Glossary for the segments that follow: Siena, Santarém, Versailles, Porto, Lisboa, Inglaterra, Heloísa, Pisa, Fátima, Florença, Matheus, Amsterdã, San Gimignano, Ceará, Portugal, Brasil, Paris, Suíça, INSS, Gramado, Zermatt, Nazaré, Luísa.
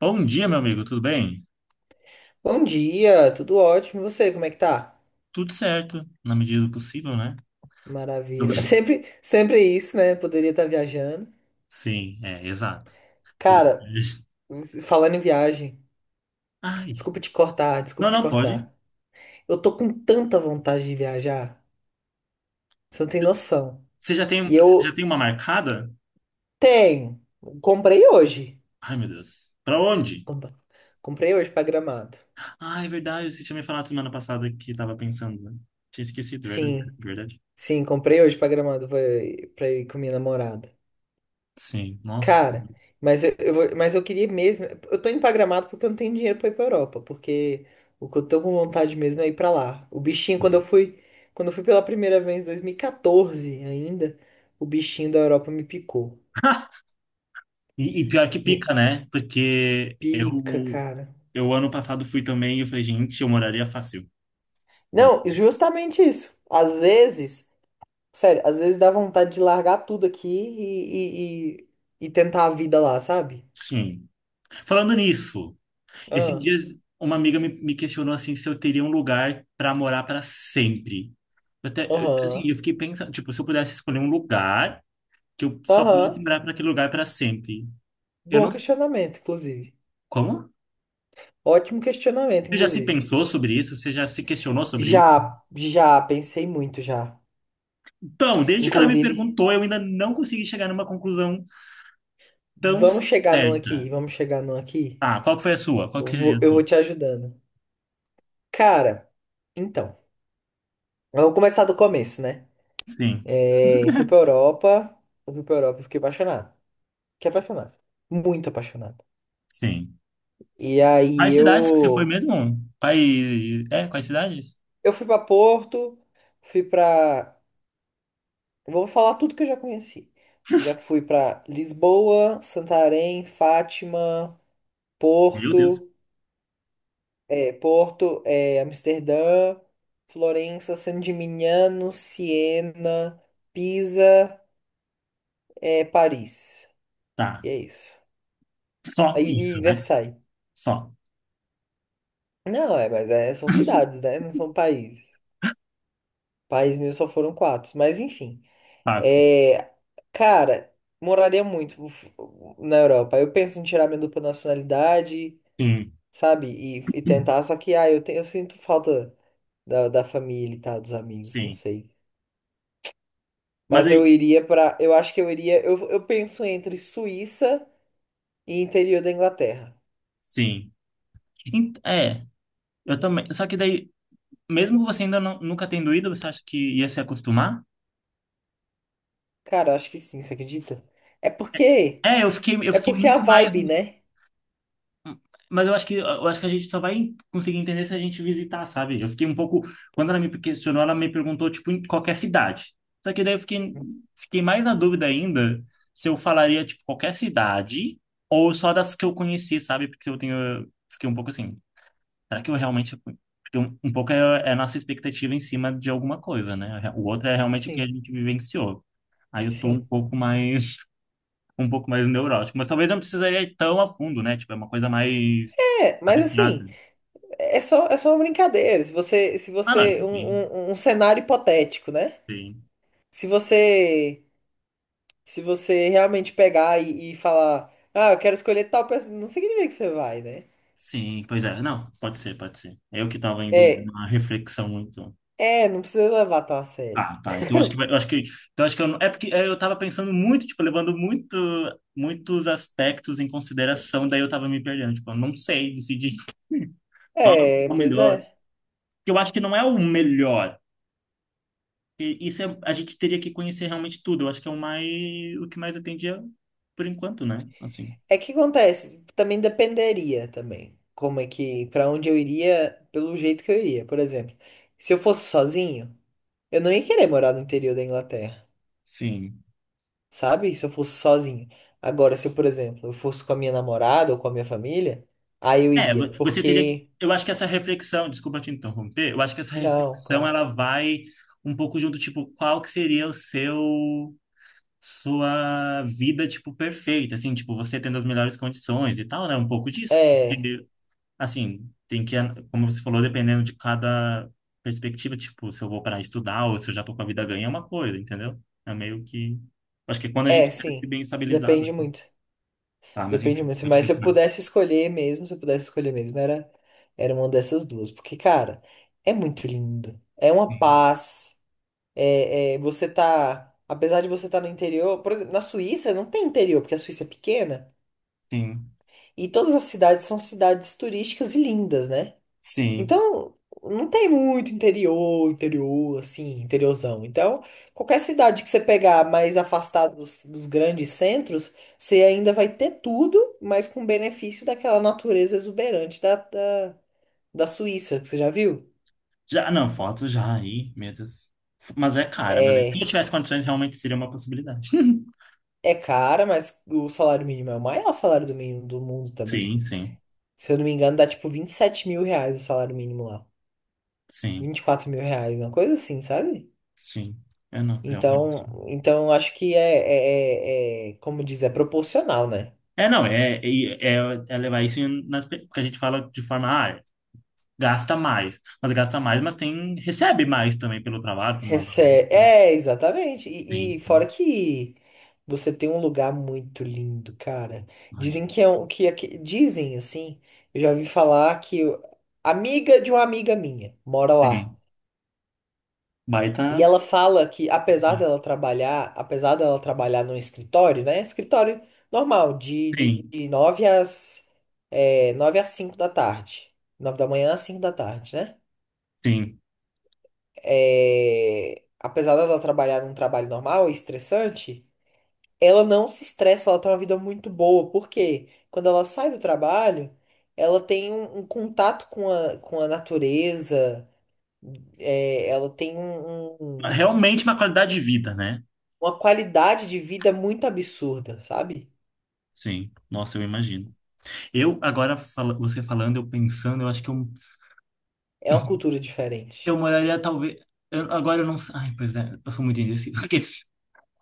Bom dia, meu amigo, tudo bem? Bom dia, tudo ótimo. E você, como é que tá? Tudo certo, na medida do possível, né? Do- Maravilha. Sempre é isso, né? Poderia estar viajando. Sim, é, exato. Por- Cara, falando em viagem, Ai, desculpa te cortar, não, desculpa te não pode. cortar. Eu tô com tanta vontade de viajar, você não tem noção. Você já tem, E você já eu tem uma marcada? tenho. Comprei hoje. Ai, meu Deus. Pra onde? Compa- Comprei hoje pra Gramado. Ah, é verdade, você tinha me falado semana passada que tava pensando, né? Tinha esquecido, verdade, Sim, verdade. sim, comprei hoje pra Gramado pra ir com minha namorada. Sim, nossa. Cara, Que mas eu queria mesmo. Eu tô indo pra Gramado porque eu não tenho dinheiro pra ir pra Europa. Porque o que eu tô com vontade mesmo é ir pra lá. O bichinho, Sim. Quando eu fui pela primeira vez em 2014 ainda, o bichinho da Europa me picou. E pior que Me pica, né? Porque pica, eu, cara. eu ano passado fui também e eu falei, gente, eu moraria fácil. Mas, Não, justamente isso. Às vezes, sério, às vezes dá vontade de largar tudo aqui e tentar a vida lá, sabe? sim. Falando nisso. Esses Ah, dias, uma amiga me questionou assim se eu teria um lugar para morar para sempre. Eu até, eu, assim, Aham, eu fiquei pensando, tipo, se eu pudesse escolher um lugar que eu só pudesse aham. morar para aquele lugar para sempre. Eu Bom não. questionamento, inclusive. Como? Ótimo questionamento, Você já se inclusive. pensou sobre isso? Você já se questionou sobre isso? Já, pensei muito já. Então, desde que ela me Inclusive, perguntou, eu ainda não consegui chegar numa conclusão tão vamos chegar num aqui, certa. vamos chegar num aqui. Ah, qual que foi a sua? Qual Eu que seria vou, a eu vou sua? te ajudando. Cara, então, vamos começar do começo, né? Sim, É, eu fui pra Europa e fiquei apaixonado. Fiquei apaixonado. Muito apaixonado. sim. E Quais aí cidades que você foi mesmo? Quais, é, quais cidades? eu fui pra Porto, fui pra... Vou falar tudo que eu já conheci. Já fui pra Lisboa, Santarém, Fátima... Meu Deus. Porto, é, Amsterdã, Florença, San Gimignano, Siena, Pisa, Paris. Tá. E é isso. Só E, isso, e né? Versailles. Só Não, é, mas é, são cidades, né? Não são países. País meu só foram quatro. Mas enfim. pago. É, cara, moraria muito f- na Europa. Eu penso em tirar minha dupla nacionalidade, Sim. sabe? E tentar. Só que, ah, eu sinto falta da família e tal, dos amigos. Não Sim. sei. Mas Mas eu aí, iria pra. Eu acho que eu iria. Eu penso entre Suíça e interior da Inglaterra. sim. É, eu também. Só que daí, mesmo que você ainda não- nunca tendo ido, você acha que ia se acostumar? Cara, eu acho que sim, você acredita? É porque. É, eu É fiquei porque é a muito mais. vibe, né? Mas eu acho que a gente só vai conseguir entender se a gente visitar, sabe? Eu fiquei um pouco. Quando ela me questionou, ela me perguntou, tipo, em qualquer cidade. Só que daí eu fiquei mais na dúvida ainda se eu falaria, tipo, qualquer cidade ou só das que eu conheci, sabe? Porque eu tenho. Fiquei um pouco assim. Será que eu realmente. Porque um pouco é, é a nossa expectativa em cima de alguma coisa, né? O outro é realmente o que a Sim, gente vivenciou. Aí eu tô um sim. pouco mais. Um pouco mais neurótico. Mas talvez não precisaria ir tão a fundo, né? Tipo, é uma coisa mais É, mas abstrata. assim, é só uma brincadeira. Se você. Se Ah, não, você. isso sim, Um cenário hipotético, né? sim. Se você. Se você realmente pegar e falar. Ah, eu quero escolher tal pessoa. Não significa que você vai, né? Sim, pois é. Não, pode ser, pode ser. É eu que tava indo É. numa reflexão muito. É, não precisa levar tão a sério. Ah, tá. Então acho que eu não, é porque é, eu tava pensando muito, tipo, levando muito, muitos aspectos em consideração, daí eu tava me perdendo, tipo, eu não sei decidir qual é É, o pois melhor. é. Porque eu acho que não é o melhor. A gente teria que conhecer realmente tudo. Eu acho que é o mais, o que mais atendia por enquanto, né? Assim. É que acontece, também dependeria também. Como é que, pra onde eu iria, pelo jeito que eu iria, por exemplo. Se eu fosse sozinho, eu não ia querer morar no interior da Inglaterra, Sim. sabe? Se eu fosse sozinho. Agora, se eu, por exemplo, eu fosse com a minha namorada ou com a minha família, aí eu É, iria, você teria que, porque eu acho que essa reflexão, desculpa te interromper, eu acho que essa não, reflexão claro. ela vai um pouco junto, tipo, qual que seria o seu sua vida, tipo, perfeita, assim, tipo, você tendo as melhores condições e tal, né? Um pouco disso. É, E, assim, tem que, como você falou, dependendo de cada perspectiva, tipo, se eu vou para estudar ou se eu já tô com a vida ganha, é uma coisa, entendeu? É meio que... Acho que é quando a gente é, deve ser sim. bem estabilizado. Depende muito. Tá, mas Depende enfim. muito, mas se eu Né? pudesse escolher mesmo, se eu pudesse escolher mesmo, era uma dessas duas, porque cara, é muito lindo. É uma paz. É, é, você tá, apesar de você estar no interior, por exemplo, na Suíça não tem interior, porque a Suíça é pequena, Sim, e todas as cidades são cidades turísticas e lindas, né? sim. Então, não tem muito interior, assim, interiorzão. Então, qualquer cidade que você pegar mais afastada dos grandes centros, você ainda vai ter tudo, mas com benefício daquela natureza exuberante da Suíça, que você já viu? Já, não, foto já aí, meu Deus. Mas é cara, mas se eu É, tivesse condições, realmente seria uma possibilidade. é cara, mas o salário mínimo é o maior salário do mínimo do mundo também. Sim, sim, Se eu não me engano, dá tipo R$ 27.000 o salário mínimo lá. sim, R$ 24.000, uma coisa assim, sabe? sim. Eu não, realmente. Então, então eu acho que é, como diz, é proporcional, né? É, não, é, é, é- É levar isso porque a gente fala de forma, ah, gasta mais, mas tem, recebe mais também pelo trabalho, tem uma Recebe, valorização. é, exatamente. Sim, E fora sim. que você tem um lugar muito lindo, cara. Ai, Dizem que é um, que, é que dizem assim, eu já ouvi falar que amiga de uma amiga minha mora lá. sim. E Baita. ela fala que, apesar dela trabalhar num escritório, né? Escritório normal, de, de, Sim, de 9 às 5 da tarde. 9 da manhã às 5 da tarde, né? sim. É, apesar dela trabalhar num trabalho normal e estressante, ela não se estressa, ela tem uma vida muito boa. Por quê? Quando ela sai do trabalho, ela tem um contato com a natureza, é, ela tem um, um- Realmente uma qualidade de vida, né? uma qualidade de vida muito absurda, sabe? Sim. Nossa, eu imagino. Você falando, eu pensando, eu acho que É uma cultura eu diferente. moraria talvez. Agora eu não sei. Ai, pois é, eu sou muito indeciso.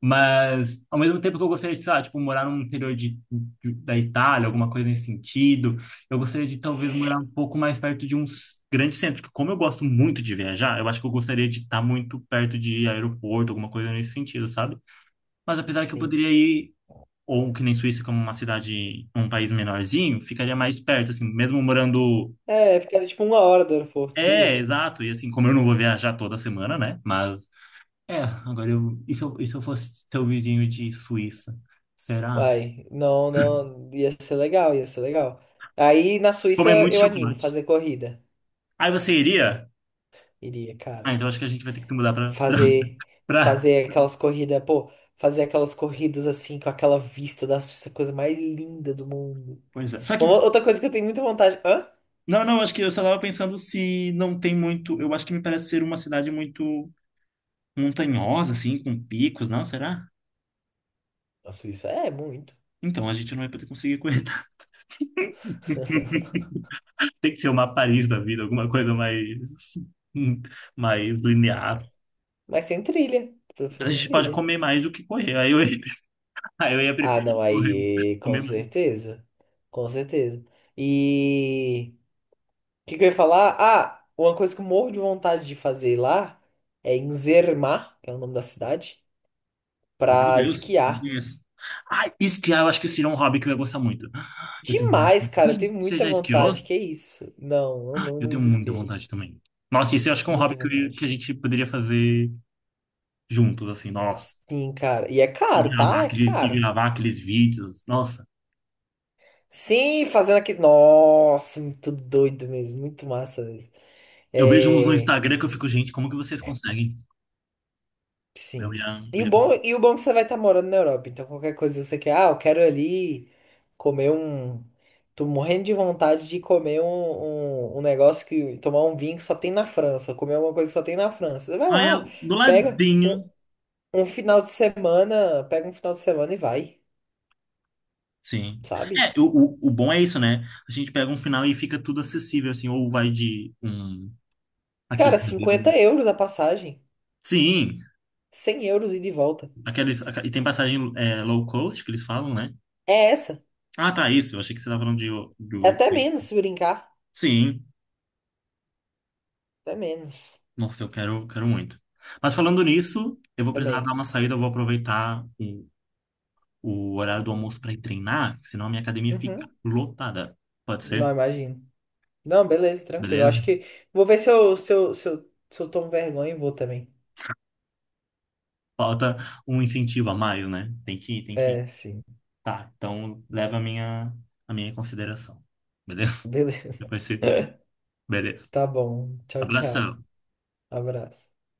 Mas, ao mesmo tempo que eu gostaria de, sei lá, tipo, morar no interior da Itália, alguma coisa nesse sentido, eu gostaria de talvez morar um pouco mais perto de um grande centro, que como eu gosto muito de viajar, eu acho que eu gostaria de estar muito perto de aeroporto, alguma coisa nesse sentido, sabe? Mas apesar que eu Sim. poderia ir, ou que nem Suíça, como uma cidade, um país menorzinho, ficaria mais perto, assim, mesmo morando... É, ficaria tipo uma hora do aeroporto, É, duas. exato, e assim, como eu não vou viajar toda semana, né? Mas, é, agora eu... E se eu fosse seu vizinho de Suíça? Será? Vai. Não, não. Ia ser legal, ia ser legal. Aí na Suíça Comer muito eu animo chocolate. fazer corrida. Aí você iria? Iria, Ah, cara. então acho que a gente vai ter que mudar Fazer, pra... fazer aquelas corridas, pô, fazer aquelas corridas assim, com aquela vista da Suíça, a coisa mais linda do mundo. Pois é. Só que... Uma- outra coisa que eu tenho muita vontade. Hã? Não, não, acho que eu só tava pensando se não tem muito... Eu acho que me parece ser uma cidade muito montanhosa, assim, com picos. Não, será? A Suíça é muito. Então, a gente não vai poder conseguir aguentar. Tem que ser uma Paris da vida, alguma coisa mais... mais linear. Mas tem trilha, pra Mas a fazer gente pode trilha. comer mais do que correr. Aí eu ia, aí eu ia Ah, não, preferir correr, aí, com comer mais. certeza. Com certeza. E o que, que eu ia falar? Ah, uma coisa que eu morro de vontade de fazer lá é em Zermatt, que é o nome da cidade, Meu pra Deus, não esquiar. conheço. Ah, esquiar eu acho que seria um hobby que eu ia gostar muito. Demais, cara, eu tenho Você muita já esquiou? vontade. Que isso? Não, Ah, eu tenho nunca muita esquiei. vontade também. Nossa, isso eu acho que é um hobby Muita que a vontade. gente poderia fazer juntos, assim, nossa. Sim, cara. E é caro, tá? É E caro. gravar aqueles vídeos, nossa. Sim, fazendo aqui. Nossa, muito doido mesmo. Muito massa mesmo. Eu vejo uns no É. Instagram que eu fico, gente, como que vocês conseguem? Eu Sim. ia, eu ia conseguir. E o bom é que você vai estar morando na Europa, então qualquer coisa você quer, ah, eu quero ali comer um. Tô morrendo de vontade de comer um negócio que. Tomar um vinho que só tem na França, comer alguma coisa que só tem na França. Você vai Ah, é lá, do pega ladinho. um, um final de semana, pega um final de semana e vai, Sim. sabe? É, o, o bom é isso, né? A gente pega um final e fica tudo acessível, assim, ou vai de um... Cara, Aquele... € 50 a passagem, Sim, € 100 e de volta. aqueles, e tem passagem é, low cost que eles falam, né? É essa. Ah, tá, isso. Eu achei que você estava falando de, É do. até menos se brincar. Sim. Até menos Nossa, eu quero, quero muito. Mas falando nisso, eu vou precisar dar também. uma saída, eu vou aproveitar o horário do almoço para ir treinar, senão a minha academia fica Uhum. lotada. Pode Não ser? imagino. Não, beleza, tranquilo. Eu Beleza? acho que vou ver se eu, se eu tomo vergonha e vou também. Falta um incentivo a mais, né? Tem que ir, tem que ir. É, sim. Tá, então leva a minha em consideração. Beleza? Beleza. Depois você. Beleza. Tá bom. Tchau, tchau. Abração. Abraço.